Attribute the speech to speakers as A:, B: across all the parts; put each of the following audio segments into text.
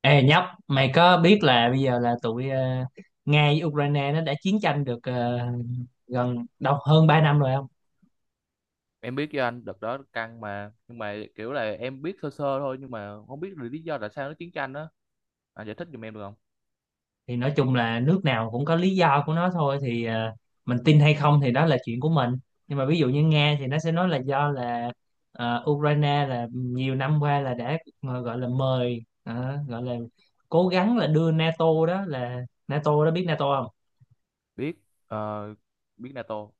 A: Ê nhóc, mày có biết là bây giờ là tụi Nga với Ukraine nó đã chiến tranh được gần đâu hơn 3 năm rồi không?
B: Em biết, với anh đợt đó căng mà nhưng mà kiểu là em biết sơ sơ thôi, nhưng mà không biết là lý do tại sao nó chiến tranh đó. Anh giải thích giùm em được không?
A: Thì nói chung là nước nào cũng có lý do của nó thôi thì mình tin hay không thì đó là chuyện của mình. Nhưng mà ví dụ như Nga thì nó sẽ nói là do là Ukraine là nhiều năm qua là đã gọi là mời gọi là cố gắng là đưa NATO, đó là NATO, đó biết NATO không?
B: Biết. ờ, Biết NATO.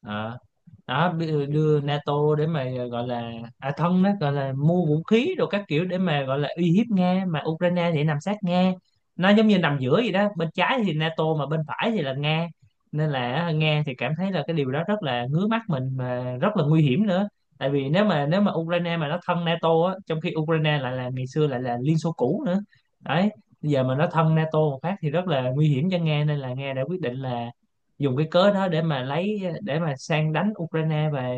A: Ờ. Đó
B: Thì
A: đưa NATO để mà gọi là à thân, đó gọi là mua vũ khí rồi các kiểu để mà gọi là uy hiếp Nga, mà Ukraine thì nằm sát Nga, nó giống như nằm giữa vậy đó, bên trái thì NATO mà bên phải thì là Nga, nên là Nga thì cảm thấy là cái điều đó rất là ngứa mắt mình mà rất là nguy hiểm nữa. Tại vì nếu mà Ukraine mà nó thân NATO á, trong khi Ukraine lại là ngày xưa lại là Liên Xô cũ nữa đấy, bây giờ mà nó thân NATO một phát thì rất là nguy hiểm cho Nga, nên là Nga đã quyết định là dùng cái cớ đó để mà lấy để mà sang đánh Ukraine và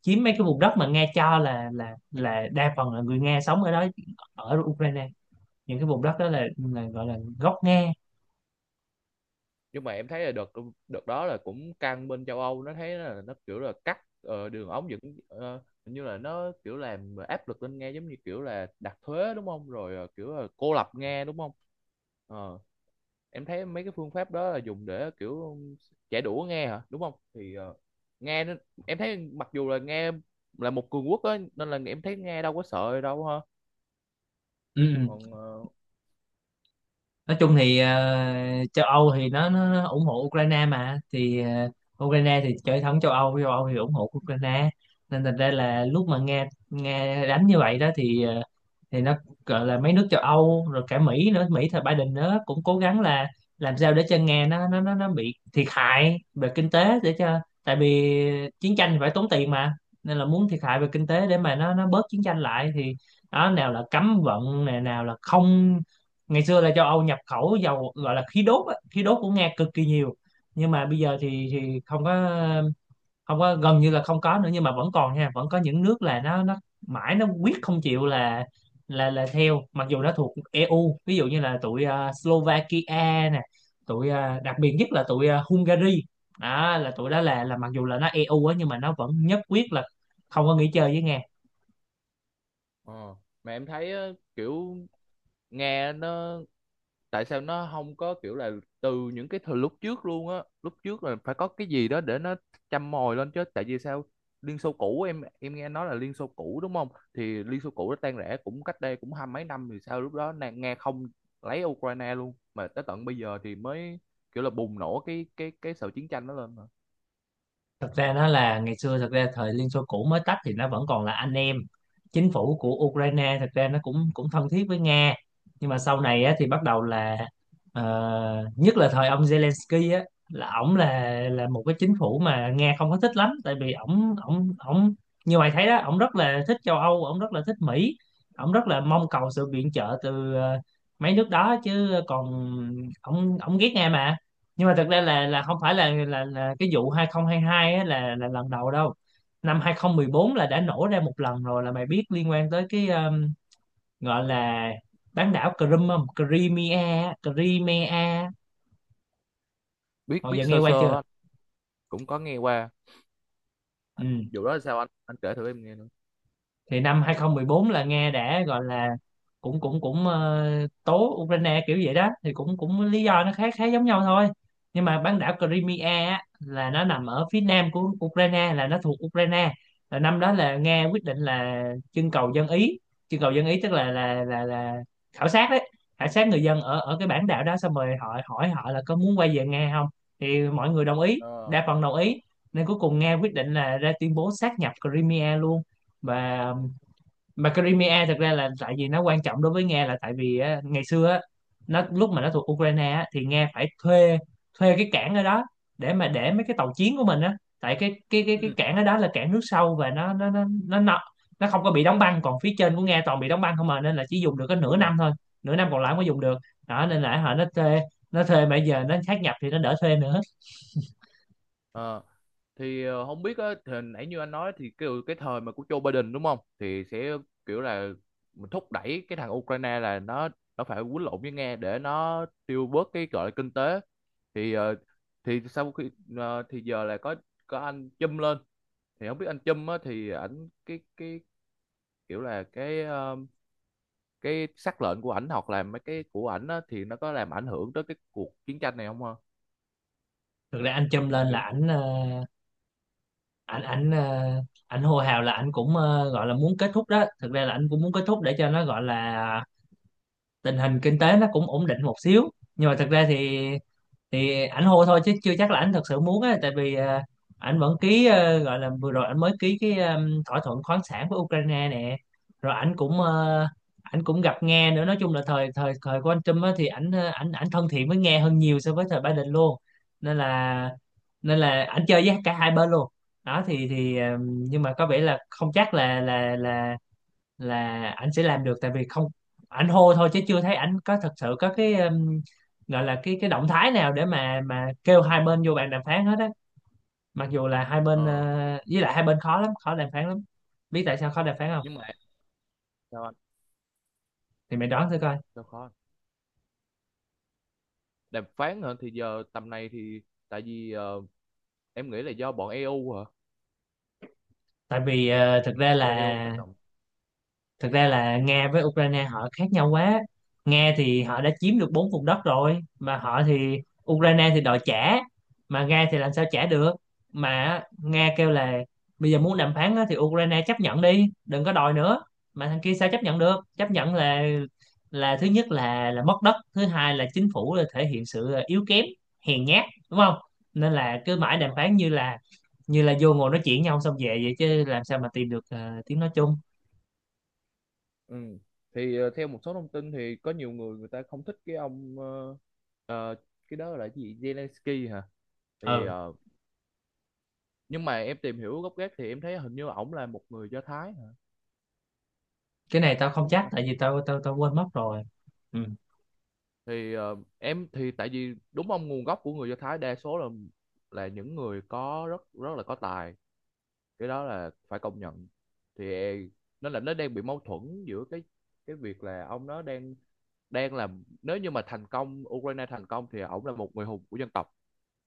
A: chiếm mấy cái vùng đất mà Nga cho là là đa phần là người Nga sống ở đó, ở Ukraine. Những cái vùng đất đó là gọi là gốc Nga.
B: nhưng mà em thấy là đợt đợt đó là cũng căng, bên châu Âu nó thấy là nó kiểu là cắt đường ống dẫn, hình như là nó kiểu làm áp lực lên Nga, giống như kiểu là đặt thuế đúng không, rồi kiểu là cô lập Nga đúng không. Ờ, em thấy mấy cái phương pháp đó là dùng để kiểu chạy đũa nghe hả đúng không, thì nghe nó- em thấy mặc dù là nghe là một cường quốc á nên là em thấy nghe đâu có sợ đâu ha.
A: Ừ. Ừ.
B: Còn
A: Nói chung thì châu Âu thì nó ủng hộ Ukraine mà, thì Ukraine thì chơi thống châu Âu, châu Âu thì ủng hộ Ukraine. Nên thành ra là lúc mà Nga Nga đánh như vậy đó thì thì nó gọi là mấy nước châu Âu rồi cả Mỹ nữa, Mỹ thời Biden nữa cũng cố gắng là làm sao để cho Nga nó bị thiệt hại về kinh tế, để cho, tại vì chiến tranh thì phải tốn tiền mà, nên là muốn thiệt hại về kinh tế để mà nó bớt chiến tranh lại thì đó, nào là cấm vận này, nào là không. Ngày xưa là châu Âu nhập khẩu dầu gọi là khí đốt á, khí đốt của Nga cực kỳ nhiều, nhưng mà bây giờ thì không có, gần như là không có nữa. Nhưng mà vẫn còn nha, vẫn có những nước là nó mãi nó quyết không chịu là là theo, mặc dù nó thuộc EU, ví dụ như là tụi Slovakia nè, tụi đặc biệt nhất là tụi Hungary. Đó là tụi đó là mặc dù là nó EU á, nhưng mà nó vẫn nhất quyết là không có nghỉ chơi với Nga.
B: ờ, mà em thấy, kiểu nghe nó, tại sao nó không có kiểu là từ những cái thời lúc trước luôn á, lúc trước là phải có cái gì đó để nó châm mồi lên chứ, tại vì sao Liên Xô cũ, em nghe nói là Liên Xô cũ đúng không, thì Liên Xô cũ nó tan rã cũng cách đây cũng hai mấy năm, thì sao lúc đó Nga không lấy Ukraine luôn mà tới tận bây giờ thì mới kiểu là bùng nổ cái sự chiến tranh đó lên mà.
A: Thật ra nó là ngày xưa, thật ra thời Liên Xô cũ mới tách thì nó vẫn còn là anh em, chính phủ của Ukraine thật ra nó cũng cũng thân thiết với Nga. Nhưng mà sau này á, thì bắt đầu là ờ, nhất là thời ông Zelensky á, là ổng là một cái chính phủ mà Nga không có thích lắm, tại vì ổng ổng ổng như mày thấy đó, ổng rất là thích châu Âu, ổng rất là thích Mỹ, ổng rất là mong cầu sự viện trợ từ mấy nước đó, chứ còn ổng ổng ghét Nga mà. Nhưng mà thật ra là không phải là cái vụ 2022 á, là lần đầu đâu, năm 2014 là đã nổ ra một lần rồi, là mày biết, liên quan tới cái gọi là bán đảo Crimea, Crimea, Crimea,
B: Biết,
A: hồi giờ
B: biết
A: nghe
B: sơ
A: qua
B: sơ
A: chưa?
B: á. Cũng có nghe qua.
A: Ừ.
B: Vụ đó là sao anh kể thử em nghe nữa.
A: Thì năm 2014 là Nga đã gọi là cũng cũng cũng tố Ukraine kiểu vậy đó, thì cũng cũng lý do nó khá khá giống nhau thôi. Nhưng mà bán đảo Crimea á, là nó nằm ở phía nam của Ukraine, là nó thuộc Ukraine, là năm đó là Nga quyết định là trưng cầu dân ý. Trưng cầu dân ý tức là khảo sát đấy, khảo sát người dân ở ở cái bán đảo đó, xong rồi họ hỏi họ là có muốn quay về Nga không, thì mọi người đồng ý,
B: Ờ.
A: đa phần đồng ý. Nên cuối cùng Nga quyết định là ra tuyên bố sáp nhập Crimea luôn. Và mà thực ra là tại vì nó quan trọng đối với Nga, là tại vì á, ngày xưa á, nó lúc mà nó thuộc Ukraine á, thì Nga phải thuê, thuê cái cảng ở đó để mà để mấy cái tàu chiến của mình á, tại
B: Ừ.
A: cái cảng ở đó là cảng nước sâu, và nó không có bị đóng băng, còn phía trên của Nga toàn bị đóng băng không à, nên là chỉ dùng được có nửa
B: Đúng rồi.
A: năm thôi, nửa năm còn lại không có dùng được đó. Nên là họ thuê nó thuê mà giờ nó sát nhập thì nó đỡ thuê nữa.
B: Ờ. Thì không biết á, thì hồi nãy như anh nói thì kiểu cái thời mà của Joe Biden đúng không, thì sẽ kiểu là mình thúc đẩy cái thằng Ukraine là nó phải quýnh lộn với Nga để nó tiêu bớt cái gọi là kinh tế. Thì thì sau khi thì giờ là có anh Trump lên, thì không biết anh Trump á thì ảnh cái kiểu là cái sắc lệnh của ảnh hoặc là mấy cái của ảnh á, thì nó có làm ảnh hưởng tới cái cuộc chiến tranh này không hả?
A: Thực ra anh châm lên
B: Anh nghĩ.
A: là ảnh ảnh ờ, ảnh hô hào là ảnh cũng gọi là muốn kết thúc đó, thực ra là ảnh cũng muốn kết thúc để cho nó gọi là tình hình kinh tế nó cũng ổn định một xíu. Nhưng mà thật ra thì ảnh hô thôi chứ chưa chắc là ảnh thật sự muốn á, tại vì ảnh vẫn ký gọi là vừa rồi ảnh mới ký cái thỏa thuận khoáng sản với Ukraine nè. Rồi ảnh cũng gặp Nga nữa. Nói chung là thời thời thời của anh Trump á, thì ảnh ờ, ảnh ảnh thân thiện với Nga hơn nhiều so với thời Biden luôn. Nên là nên là ảnh chơi với cả hai bên luôn. Đó thì nhưng mà có vẻ là không chắc là là ảnh sẽ làm được, tại vì không, ảnh hô thôi chứ chưa thấy ảnh có thật sự có cái gọi là cái động thái nào để mà kêu hai bên vô bàn đàm phán hết á, mặc dù là hai bên
B: Ờ.
A: với lại hai bên khó lắm, khó đàm phán lắm. Biết tại sao khó đàm phán không?
B: Nhưng mà sao anh,
A: Thì mày đoán thử coi.
B: sao khó đàm phán hả, thì giờ tầm này thì tại vì em nghĩ là do bọn EU hả,
A: Tại vì
B: do EU tác động.
A: thực ra là Nga với Ukraine họ khác nhau quá. Nga thì họ đã chiếm được bốn vùng đất rồi mà họ thì, Ukraine thì đòi trả, mà Nga thì làm sao trả được. Mà Nga kêu là bây giờ muốn đàm phán á, thì Ukraine chấp nhận đi, đừng có đòi nữa, mà thằng kia sao chấp nhận được, chấp nhận là thứ nhất là mất đất, thứ hai là chính phủ là thể hiện sự à, yếu kém, hèn nhát, đúng không? Nên là cứ mãi
B: Đúng
A: đàm
B: rồi.
A: phán như là vô ngồi nói chuyện nhau xong về vậy, chứ làm sao mà tìm được tiếng nói chung.
B: Ừ. Thì theo một số thông tin thì có nhiều người người ta không thích cái ông, ờ, cái đó là cái gì, Zelensky hả? Thì
A: Ừ.
B: nhưng mà em tìm hiểu gốc gác thì em thấy hình như ổng là một người Do Thái hả,
A: Cái này tao không
B: đúng không
A: chắc
B: ta?
A: tại vì tao tao tao quên mất rồi. Ừ.
B: Thì em thì tại vì đúng ông nguồn gốc của người Do Thái đa số là những người có rất rất là có tài, cái đó là phải công nhận. Thì nó là nó đang bị mâu thuẫn giữa cái việc là ông nó đang đang làm, nếu như mà thành công, Ukraine thành công thì ổng là một người hùng của dân tộc,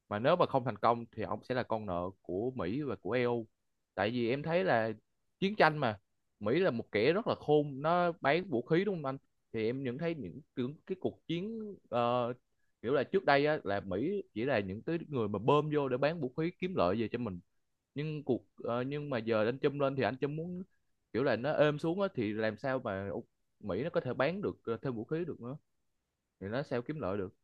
B: mà nếu mà không thành công thì ông sẽ là con nợ của Mỹ và của EU. Tại vì em thấy là chiến tranh mà, Mỹ là một kẻ rất là khôn, nó bán vũ khí đúng không anh. Thì em nhận thấy những cái cuộc chiến, kiểu là trước đây á, là Mỹ chỉ là những cái người mà bơm vô để bán vũ khí kiếm lợi về cho mình. Nhưng nhưng mà giờ anh Trump lên thì anh Trump muốn kiểu là nó êm xuống á, thì làm sao mà Mỹ nó có thể bán được thêm vũ khí được nữa, thì nó sao kiếm lợi được.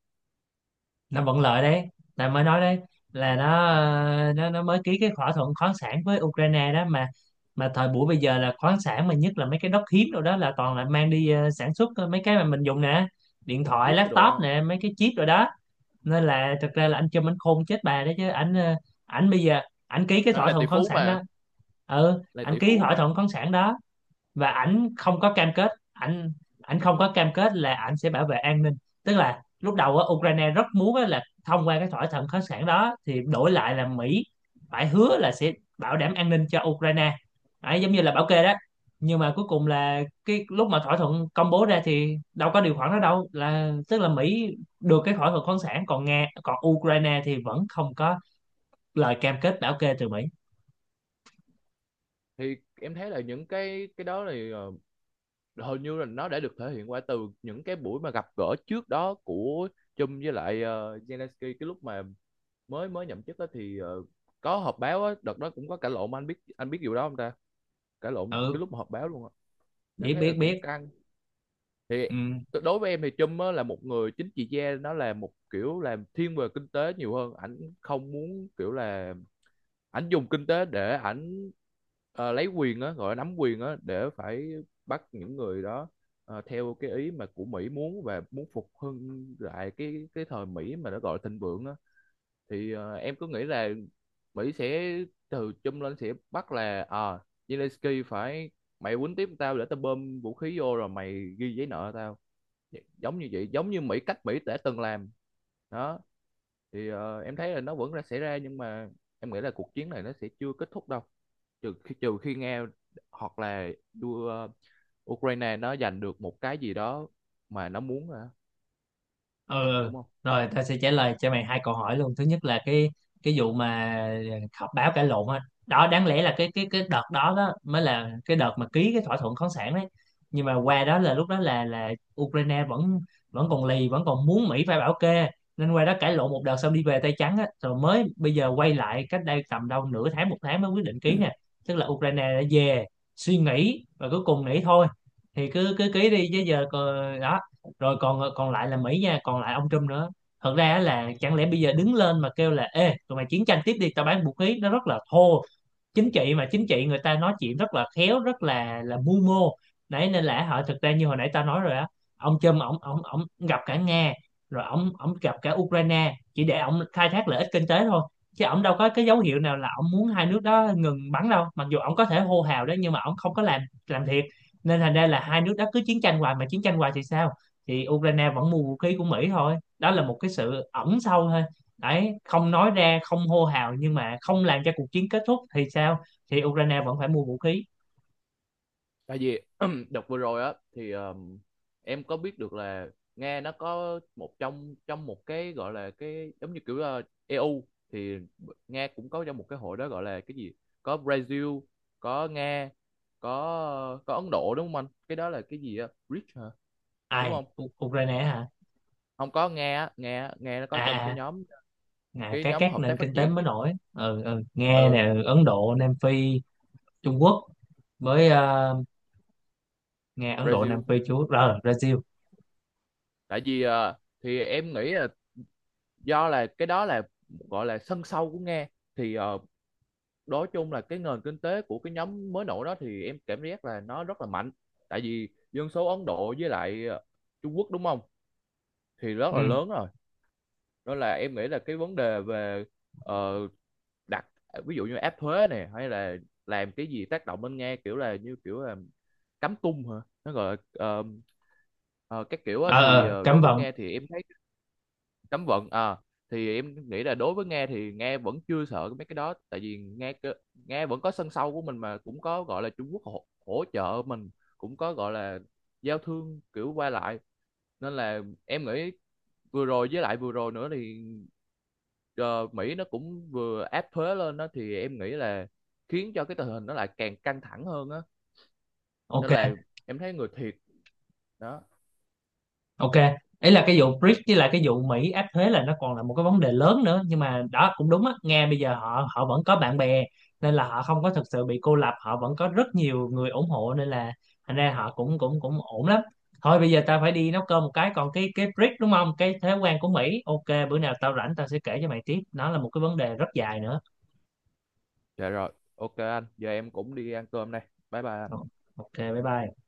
A: Nó vẫn lợi đấy, tao mới nói đấy là nó mới ký cái thỏa thuận khoáng sản với Ukraine đó mà. Mà thời buổi bây giờ là khoáng sản mà, nhất là mấy cái đất hiếm rồi đó, là toàn là mang đi sản xuất mấy cái mà mình dùng nè, điện thoại,
B: Jeep cái đồ
A: laptop
B: á.
A: nè, mấy cái chip rồi đó. Nên là thực ra là anh Trump anh khôn chết bà đấy chứ, ảnh ảnh bây giờ ảnh ký cái
B: Nó
A: thỏa
B: là tỷ
A: thuận khoáng
B: phú
A: sản
B: mà.
A: đó. Ừ,
B: Là
A: ảnh
B: tỷ
A: ký
B: phú.
A: thỏa thuận khoáng sản đó, và ảnh không có cam kết, ảnh ảnh không có cam kết là ảnh sẽ bảo vệ an ninh. Tức là lúc đầu á, Ukraine rất muốn á, là thông qua cái thỏa thuận khoáng sản đó thì đổi lại là Mỹ phải hứa là sẽ bảo đảm an ninh cho Ukraine. Đấy, giống như là bảo kê đó. Nhưng mà cuối cùng là cái lúc mà thỏa thuận công bố ra thì đâu có điều khoản đó đâu, là tức là Mỹ được cái thỏa thuận khoáng sản, còn Nga, còn Ukraine thì vẫn không có lời cam kết bảo kê từ Mỹ.
B: Thì em thấy là những cái đó thì hầu như là nó đã được thể hiện qua từ những cái buổi mà gặp gỡ trước đó của Chung với lại Zelensky, cái lúc mà mới mới nhậm chức á thì có họp báo á, đợt đó cũng có cãi lộn mà, anh biết, anh biết điều đó không ta? Cãi lộn cái
A: Ừ.
B: lúc mà họp báo luôn á. Em
A: Biết
B: thấy là
A: biết
B: cũng
A: biết.
B: căng. Thì
A: Ừ.
B: đối với em thì Chung á là một người chính trị gia, nó là một kiểu làm thiên về kinh tế nhiều hơn, ảnh không muốn kiểu là ảnh dùng kinh tế để ảnh lấy quyền á, gọi là nắm quyền á để phải bắt những người đó theo cái ý mà của Mỹ muốn và muốn phục hưng lại cái thời Mỹ mà nó gọi là thịnh vượng á. Thì em cứ nghĩ là Mỹ sẽ từ chung lên sẽ bắt là à, Zelensky phải, mày quýnh tiếp tao để tao bơm vũ khí vô rồi mày ghi giấy nợ tao, giống như vậy, giống như Mỹ, cách Mỹ đã từng làm đó. Thì em thấy là nó vẫn đã xảy ra, nhưng mà em nghĩ là cuộc chiến này nó sẽ chưa kết thúc đâu, trừ khi Nga hoặc là đua, Ukraine nó giành được một cái gì đó mà nó muốn hả?
A: Ừ.
B: Đúng không.
A: Rồi tao sẽ trả lời cho mày hai câu hỏi luôn. Thứ nhất là cái vụ mà họp báo cãi lộn á, đó đáng lẽ là cái đợt đó, đó mới là cái đợt mà ký cái thỏa thuận khoáng sản đấy. Nhưng mà qua đó là lúc đó là Ukraine vẫn vẫn còn lì, vẫn còn muốn Mỹ phải bảo kê, nên qua đó cãi lộn một đợt xong đi về tay trắng á, rồi mới bây giờ quay lại cách đây tầm đâu nửa tháng, một tháng mới quyết định ký nè. Tức là Ukraine đã về suy nghĩ và cuối cùng nghĩ thôi thì cứ cứ ký đi, chứ giờ còn đó. Rồi còn còn lại là Mỹ nha, còn lại ông Trump nữa. Thật ra á là chẳng lẽ bây giờ đứng lên mà kêu là ê tụi mày chiến tranh tiếp đi tao bán vũ khí, nó rất là thô. Chính trị mà, chính trị người ta nói chuyện rất là khéo, rất là mưu mô đấy. Nên là họ, thực ra như hồi nãy tao nói rồi á, ông Trump ông gặp cả Nga rồi ông gặp cả Ukraine chỉ để ông khai thác lợi ích kinh tế thôi, chứ ông đâu có cái dấu hiệu nào là ông muốn hai nước đó ngừng bắn đâu. Mặc dù ông có thể hô hào đó, nhưng mà ông không có làm thiệt. Nên thành ra là hai nước đó cứ chiến tranh hoài, mà chiến tranh hoài thì sao? Thì Ukraine vẫn mua vũ khí của Mỹ thôi. Đó là một cái sự ẩn sâu thôi đấy, không nói ra không hô hào nhưng mà không làm cho cuộc chiến kết thúc thì sao? Thì Ukraine vẫn phải mua vũ khí.
B: Tại vì đợt vừa rồi á thì em có biết được là Nga nó có một trong trong một cái gọi là cái giống như kiểu là EU, thì Nga cũng có trong một cái hội đó, gọi là cái gì, có Brazil, có Nga, có Ấn Độ, đúng không anh, cái đó là cái gì á, BRICS hả, đúng
A: Ai
B: không?
A: Ukraine hả?
B: Không, có Nga á, Nga Nga nó
A: à
B: có trong cái
A: à,
B: nhóm,
A: à
B: cái
A: các
B: nhóm hợp
A: nền
B: tác phát
A: kinh tế
B: triển
A: mới
B: gì?
A: nổi. Ừ, ừ. Nga
B: Ừ.
A: nè, Ấn Độ, Nam Phi, Trung Quốc với Nga, Ấn Độ, Nam
B: Brazil.
A: Phi, Trung Quốc rồi Brazil.
B: Tại vì thì em nghĩ là do là cái đó là gọi là sân sau của Nga. Thì nói chung là cái nền kinh tế của cái nhóm mới nổi đó thì em cảm giác là nó rất là mạnh, tại vì dân số Ấn Độ với lại Trung Quốc đúng không, thì rất
A: Ừ.
B: là lớn rồi. Đó là em nghĩ là cái vấn đề về ờ, đặt ví dụ như áp thuế này hay là làm cái gì tác động lên nghe, kiểu là như kiểu là cắm tung hả, nó gọi là ờ, các kiểu á, thì
A: Ờ
B: đối
A: Cấm
B: với
A: vận.
B: Nga thì em thấy cấm vận à. Thì em nghĩ là đối với Nga thì Nga vẫn chưa sợ mấy cái đó, tại vì Nga vẫn có sân sau của mình, mà cũng có gọi là Trung Quốc hỗ trợ mình, cũng có gọi là giao thương kiểu qua lại. Nên là em nghĩ vừa rồi với lại vừa rồi nữa thì ờ, Mỹ nó cũng vừa áp thuế lên đó, thì em nghĩ là khiến cho cái tình hình nó lại càng căng thẳng hơn á. Nên là
A: Ok.
B: em thấy người thiệt đó.
A: Ok, ấy là cái vụ BRICS với lại cái vụ Mỹ áp thuế là nó còn là một cái vấn đề lớn nữa, nhưng mà đó cũng đúng á, Nga bây giờ họ họ vẫn có bạn bè, nên là họ không có thực sự bị cô lập, họ vẫn có rất nhiều người ủng hộ nên là thành ra họ cũng cũng cũng ổn lắm. Thôi bây giờ tao phải đi nấu cơm một cái, còn cái BRICS đúng không? Cái thuế quan của Mỹ. Ok, bữa nào tao rảnh tao sẽ kể cho mày tiếp, nó là một cái vấn đề rất dài nữa.
B: Dạ rồi, ok anh, giờ em cũng đi ăn cơm đây, bye bye
A: Ờ,
B: anh.
A: Ok, bye bye.